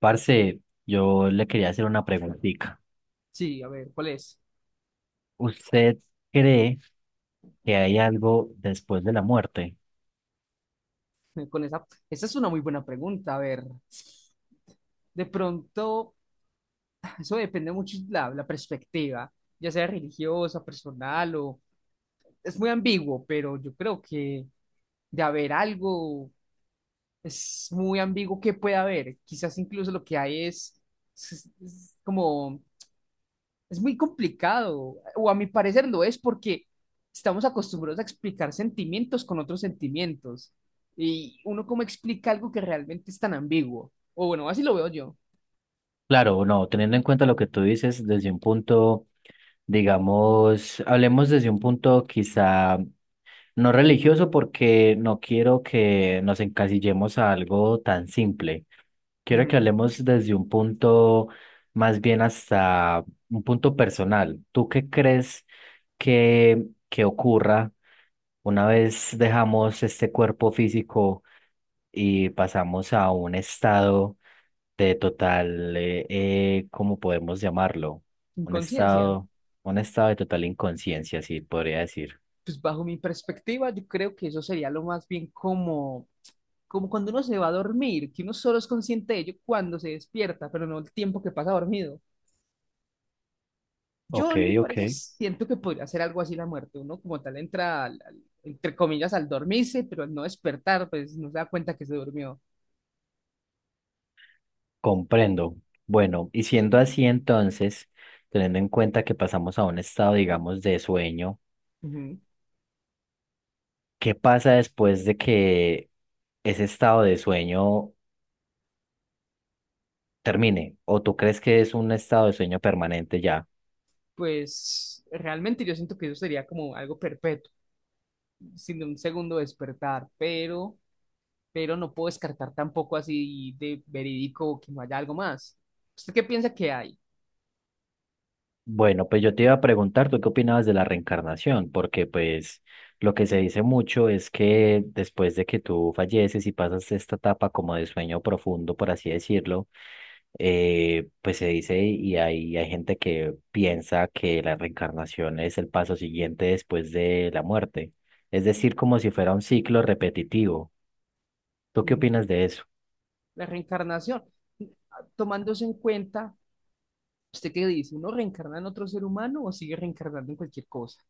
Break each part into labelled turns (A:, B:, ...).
A: Parce, yo le quería hacer una preguntita.
B: Sí, a ver, ¿cuál es?
A: ¿Usted cree que hay algo después de la muerte?
B: Con esa es una muy buena pregunta. A ver, de pronto, eso depende mucho de la perspectiva, ya sea religiosa, personal o... Es muy ambiguo, pero yo creo que de haber algo, es muy ambiguo qué puede haber. Quizás incluso lo que hay es como es muy complicado, o a mi parecer lo es porque estamos acostumbrados a explicar sentimientos con otros sentimientos. Y uno cómo explica algo que realmente es tan ambiguo. O bueno, así lo veo yo.
A: Claro, no, teniendo en cuenta lo que tú dices desde un punto, digamos, hablemos desde un punto quizá no religioso porque no quiero que nos encasillemos a algo tan simple. Quiero que
B: Ujú.
A: hablemos desde un punto más bien hasta un punto personal. ¿Tú qué crees que ocurra? Una vez dejamos este cuerpo físico y pasamos a un estado de total, ¿cómo podemos llamarlo? Un
B: Inconsciencia.
A: estado, un estado de total inconsciencia, sí, podría decir.
B: Pues bajo mi perspectiva, yo creo que eso sería lo más bien como, como cuando uno se va a dormir, que uno solo es consciente de ello cuando se despierta, pero no el tiempo que pasa dormido. Yo,
A: Ok,
B: en mi
A: ok.
B: parecer, siento que podría ser algo así la muerte. Uno como tal entra, entre comillas, al dormirse, pero al no despertar, pues no se da cuenta que se durmió.
A: Comprendo. Bueno, y siendo así entonces, teniendo en cuenta que pasamos a un estado, digamos, de sueño,
B: Ujú.
A: ¿qué pasa después de que ese estado de sueño termine? ¿O tú crees que es un estado de sueño permanente ya?
B: Pues realmente yo siento que eso sería como algo perpetuo, sin un segundo despertar, pero no puedo descartar tampoco así de verídico que no haya algo más. ¿Usted qué piensa que hay?
A: Bueno, pues yo te iba a preguntar, ¿tú qué opinabas de la reencarnación? Porque pues lo que se dice mucho es que después de que tú falleces y pasas esta etapa como de sueño profundo, por así decirlo, pues se dice y hay gente que piensa que la reencarnación es el paso siguiente después de la muerte. Es decir, como si fuera un ciclo repetitivo. ¿Tú qué
B: Mm,
A: opinas de eso?
B: la reencarnación. Tomándose en cuenta, ¿usted qué dice? ¿Uno reencarna en otro ser humano o sigue reencarnando en cualquier cosa?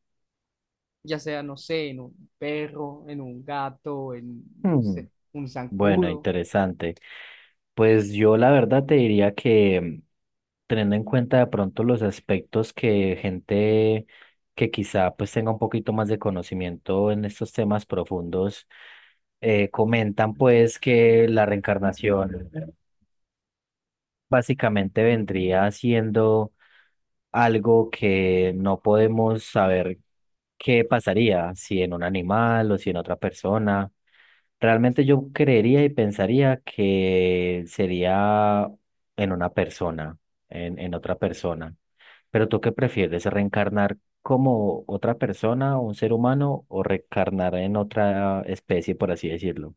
B: Ya sea, no sé, en un perro, en un gato, en, no sé, ¿un
A: Bueno,
B: zancudo?
A: interesante. Pues yo la verdad te diría que mm, teniendo en cuenta de pronto los aspectos que gente que quizá pues tenga un poquito más de conocimiento en estos temas profundos comentan pues que la reencarnación básicamente vendría siendo algo que no podemos saber qué pasaría, si en un animal o si en otra persona. Realmente yo creería y pensaría que sería en una persona, en otra persona. Pero ¿tú qué prefieres? ¿Reencarnar como otra persona, un ser humano, o reencarnar en otra especie, por así decirlo?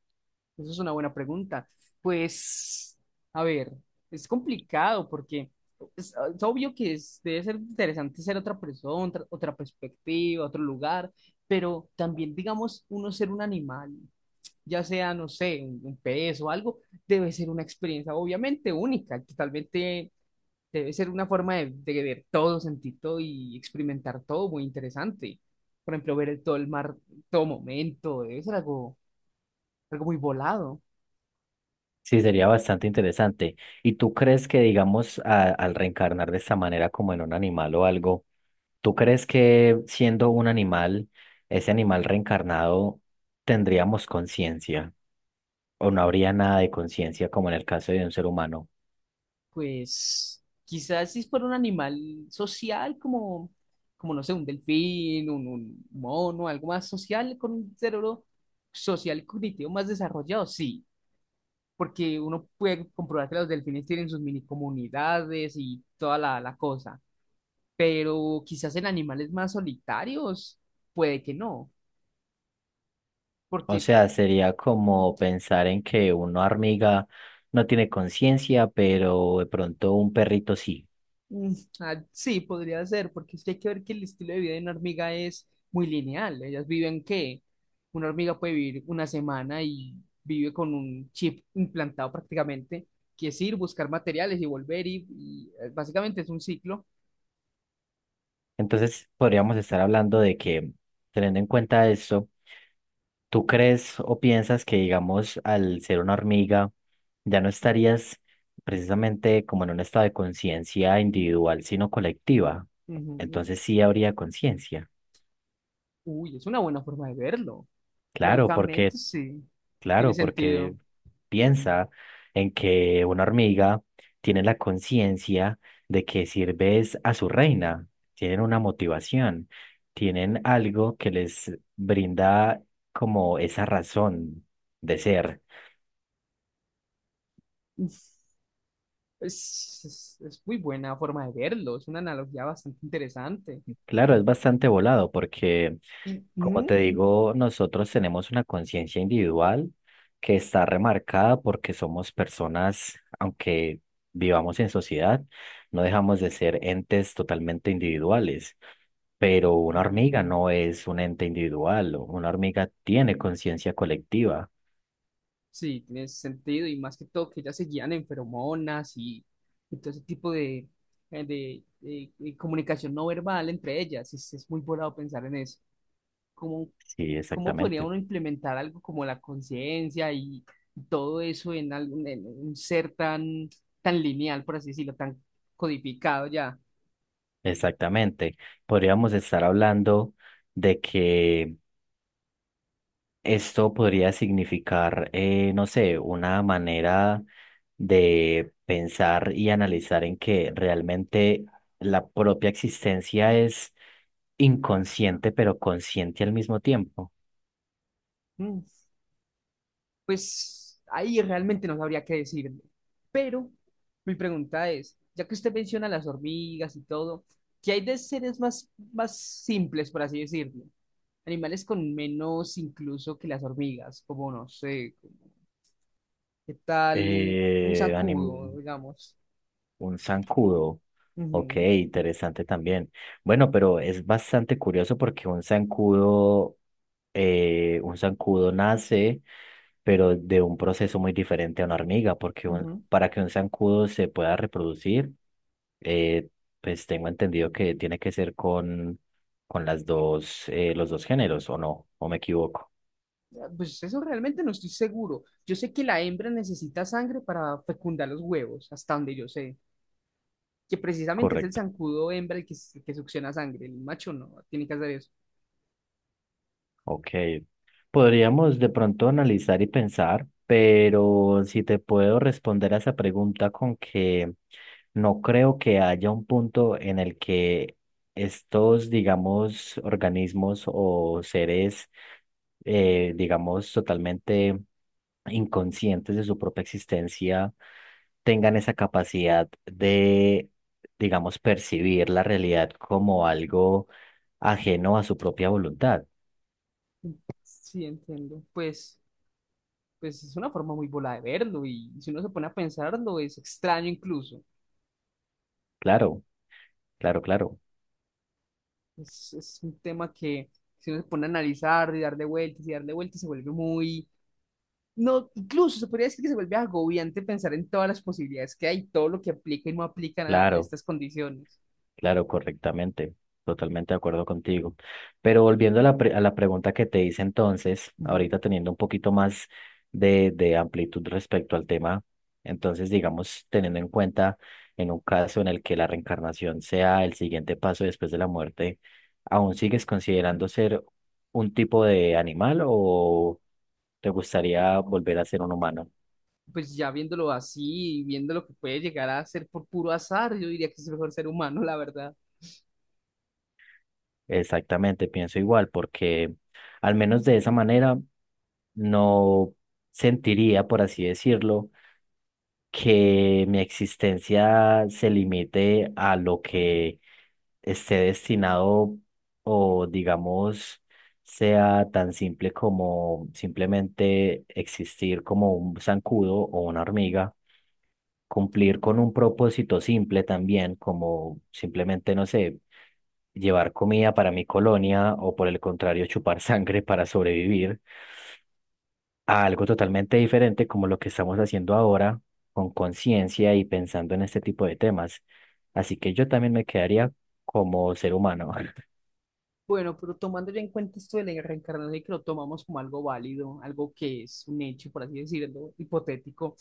B: Esa es una buena pregunta. Pues, a ver, es complicado porque es, ah, es obvio que debe ser interesante ser otra persona, otra perspectiva, otro lugar, pero también, digamos, uno ser un animal, ya sea, no sé, un pez o algo, debe ser una experiencia obviamente única, totalmente. Debe ser una forma de ver todo, sentir todo y experimentar todo muy interesante. Por ejemplo, ver todo el mar, todo momento, debe ser algo, algo muy volado.
A: Sí, sería bastante interesante. ¿Y tú crees que, digamos, al reencarnar de esta manera como en un animal o algo, ¿tú crees que siendo un animal, ese animal reencarnado, tendríamos conciencia? ¿O no habría nada de conciencia como en el caso de un ser humano?
B: Pues quizás si fuera un animal social como, como no sé, un delfín, un mono, algo más social, con un cerebro social y cognitivo más desarrollado, sí. Porque uno puede comprobar que los delfines tienen sus mini comunidades y toda la cosa. Pero quizás en animales más solitarios, puede que no,
A: O
B: porque
A: sea, sería como pensar en que una hormiga no tiene conciencia, pero de pronto un perrito sí.
B: mm, sí, podría ser, porque es que hay que ver que el estilo de vida de una hormiga es muy lineal. Ellas viven que una hormiga puede vivir una semana y vive con un chip implantado prácticamente, que es ir, buscar materiales y volver, básicamente es un ciclo.
A: Entonces, podríamos estar hablando de que, teniendo en cuenta eso, ¿tú crees o piensas que, digamos, al ser una hormiga, ya no estarías precisamente como en un estado de conciencia individual, sino colectiva?
B: Ujú.
A: Entonces sí habría conciencia.
B: Uy, es una buena forma de verlo.
A: Claro, porque,
B: Francamente, sí, tiene
A: claro, porque
B: sentido.
A: piensa en que una hormiga tiene la conciencia de que sirves a su reina, tienen una motivación, tienen algo que les brinda como esa razón de ser.
B: Es muy buena forma de verlo, es una analogía bastante interesante.
A: Claro,
B: Y,
A: es bastante volado porque, como te
B: ujú,
A: digo, nosotros tenemos una conciencia individual que está remarcada porque somos personas, aunque vivamos en sociedad, no dejamos de ser entes totalmente individuales. Pero una
B: ujú.
A: hormiga no es un ente individual, o una hormiga tiene conciencia colectiva.
B: Sí, tiene sentido, y más que todo que ellas se guían en feromonas y todo ese tipo de, de comunicación no verbal entre ellas. Es muy volado pensar en eso. ¿Cómo,
A: Sí,
B: ¿cómo podría
A: exactamente,
B: uno implementar algo como la conciencia y todo eso en, algún, en un ser tan, tan lineal, por así decirlo, tan codificado ya?
A: exactamente. Podríamos estar hablando de que esto podría significar, no sé, una manera de pensar y analizar en que realmente la propia existencia es inconsciente, pero consciente al mismo tiempo.
B: Mm. Pues ahí realmente no sabría qué decirle. Pero mi pregunta es, ya que usted menciona las hormigas y todo, ¿qué hay de seres más, más simples, por así decirlo? Animales con menos incluso que las hormigas, como no sé, como, ¿qué tal un
A: Eh,
B: zancudo,
A: anim-
B: digamos?
A: Un zancudo. Ok,
B: Ujú,
A: interesante también. Bueno, pero es bastante curioso porque un zancudo nace, pero de un proceso muy diferente a una hormiga, porque
B: ujú.
A: para que un zancudo se pueda reproducir, eh, pues tengo entendido que tiene que ser con las dos, los dos géneros, ¿o no? ¿O me equivoco?
B: Ah, pues eso realmente no estoy seguro. Yo sé que la hembra necesita sangre para fecundar los huevos, hasta donde yo sé. Que precisamente es el
A: Correcto.
B: zancudo hembra el que, que succiona sangre, el macho no tiene que hacer eso.
A: Ok, podríamos de pronto analizar y pensar, pero si te puedo responder a esa pregunta con que no creo que haya un punto en el que estos, digamos, organismos o seres, digamos, totalmente inconscientes de su propia existencia tengan esa capacidad de, digamos, percibir la realidad como algo ajeno a su propia voluntad.
B: Sí, entiendo. Pues es una forma muy bola de verlo y si uno se pone a pensarlo es extraño incluso.
A: Claro, claro, claro.
B: Es un tema que si uno se pone a analizar y darle vueltas se vuelve muy... No, incluso se podría decir que se vuelve agobiante pensar en todas las posibilidades que hay, todo lo que aplica y no aplican a
A: Claro,
B: estas condiciones.
A: claro, correctamente. Totalmente de acuerdo contigo. Pero volviendo a la, a la pregunta que te hice entonces,
B: Ujú.
A: ahorita teniendo un poquito más de amplitud respecto al tema, entonces digamos, teniendo en cuenta en un caso en el que la reencarnación sea el siguiente paso después de la muerte, ¿aún sigues considerando ser un tipo de animal o te gustaría volver a ser un humano?
B: Pues ya viéndolo así, y viendo lo que puede llegar a ser por puro azar, yo diría que es el mejor ser humano, la verdad.
A: Exactamente, pienso igual, porque al menos de esa manera no sentiría, por así decirlo, que mi existencia se limite a lo que esté destinado o digamos sea tan simple como simplemente existir como un zancudo o una hormiga, cumplir con un propósito simple también, como simplemente, no sé, llevar comida para mi colonia o por el contrario, chupar sangre para sobrevivir, a algo totalmente diferente como lo que estamos haciendo ahora con conciencia y pensando en este tipo de temas. Así que yo también me quedaría como ser humano.
B: Bueno, pero tomando ya en cuenta esto de la reencarnación, que lo tomamos como algo válido, algo que es un hecho, por así decirlo, hipotético.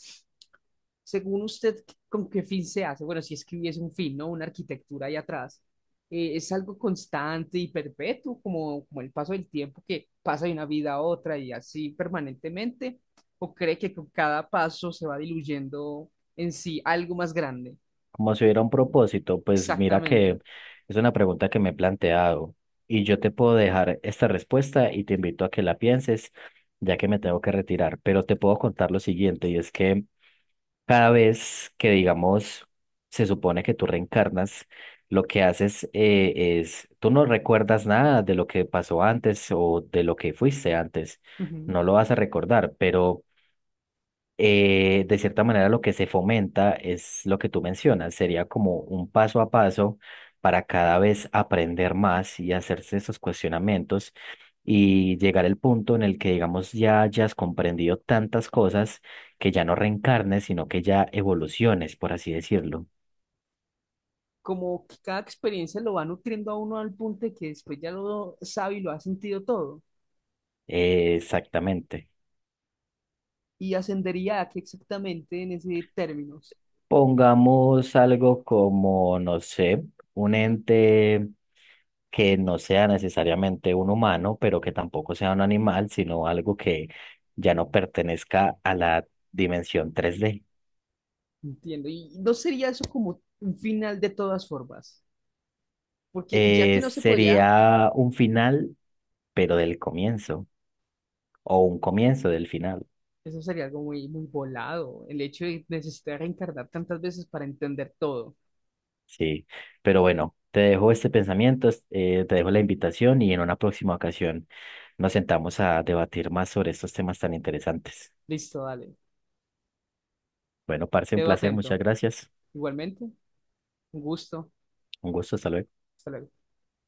B: Según usted, ¿con qué fin se hace? Bueno, si es que hubiese un fin, ¿no? Una arquitectura ahí atrás. ¿Es algo constante y perpetuo, como, como el paso del tiempo que pasa de una vida a otra y así permanentemente? ¿O cree que con cada paso se va diluyendo en sí algo más grande?
A: Como si hubiera un propósito, pues mira que
B: Exactamente.
A: es una pregunta que me he planteado y yo te puedo dejar esta respuesta y te invito a que la pienses, ya que me tengo que retirar, pero te puedo contar lo siguiente, y es que cada vez que, digamos, se supone que tú reencarnas, lo que haces es tú no recuerdas nada de lo que pasó antes o de lo que fuiste antes,
B: Ujú.
A: no lo vas a recordar, pero de cierta manera lo que se fomenta es lo que tú mencionas, sería como un paso a paso para cada vez aprender más y hacerse esos cuestionamientos y llegar al punto en el que, digamos, ya hayas comprendido tantas cosas que ya no reencarnes, sino que ya evoluciones, por así decirlo.
B: Como que cada experiencia lo va nutriendo a uno al punto de que después ya lo sabe y lo ha sentido todo.
A: Exactamente.
B: Y ascendería a qué exactamente en ese términos,
A: Pongamos algo como, no sé, un ente que no sea necesariamente un humano, pero que tampoco sea un animal, sino algo que ya no pertenezca a la dimensión 3D.
B: entiendo. Y no sería eso como un final de todas formas, porque ya que no se podría,
A: Sería un final, pero del comienzo, o un comienzo del final.
B: eso sería algo muy volado, el hecho de necesitar reencarnar tantas veces para entender todo.
A: Sí, pero bueno, te dejo este pensamiento, te dejo la invitación y en una próxima ocasión nos sentamos a debatir más sobre estos temas tan interesantes.
B: Listo, dale.
A: Bueno, parce, un
B: Quedo
A: placer, muchas
B: atento.
A: gracias.
B: Igualmente, un gusto.
A: Un gusto, hasta luego.
B: Hasta luego.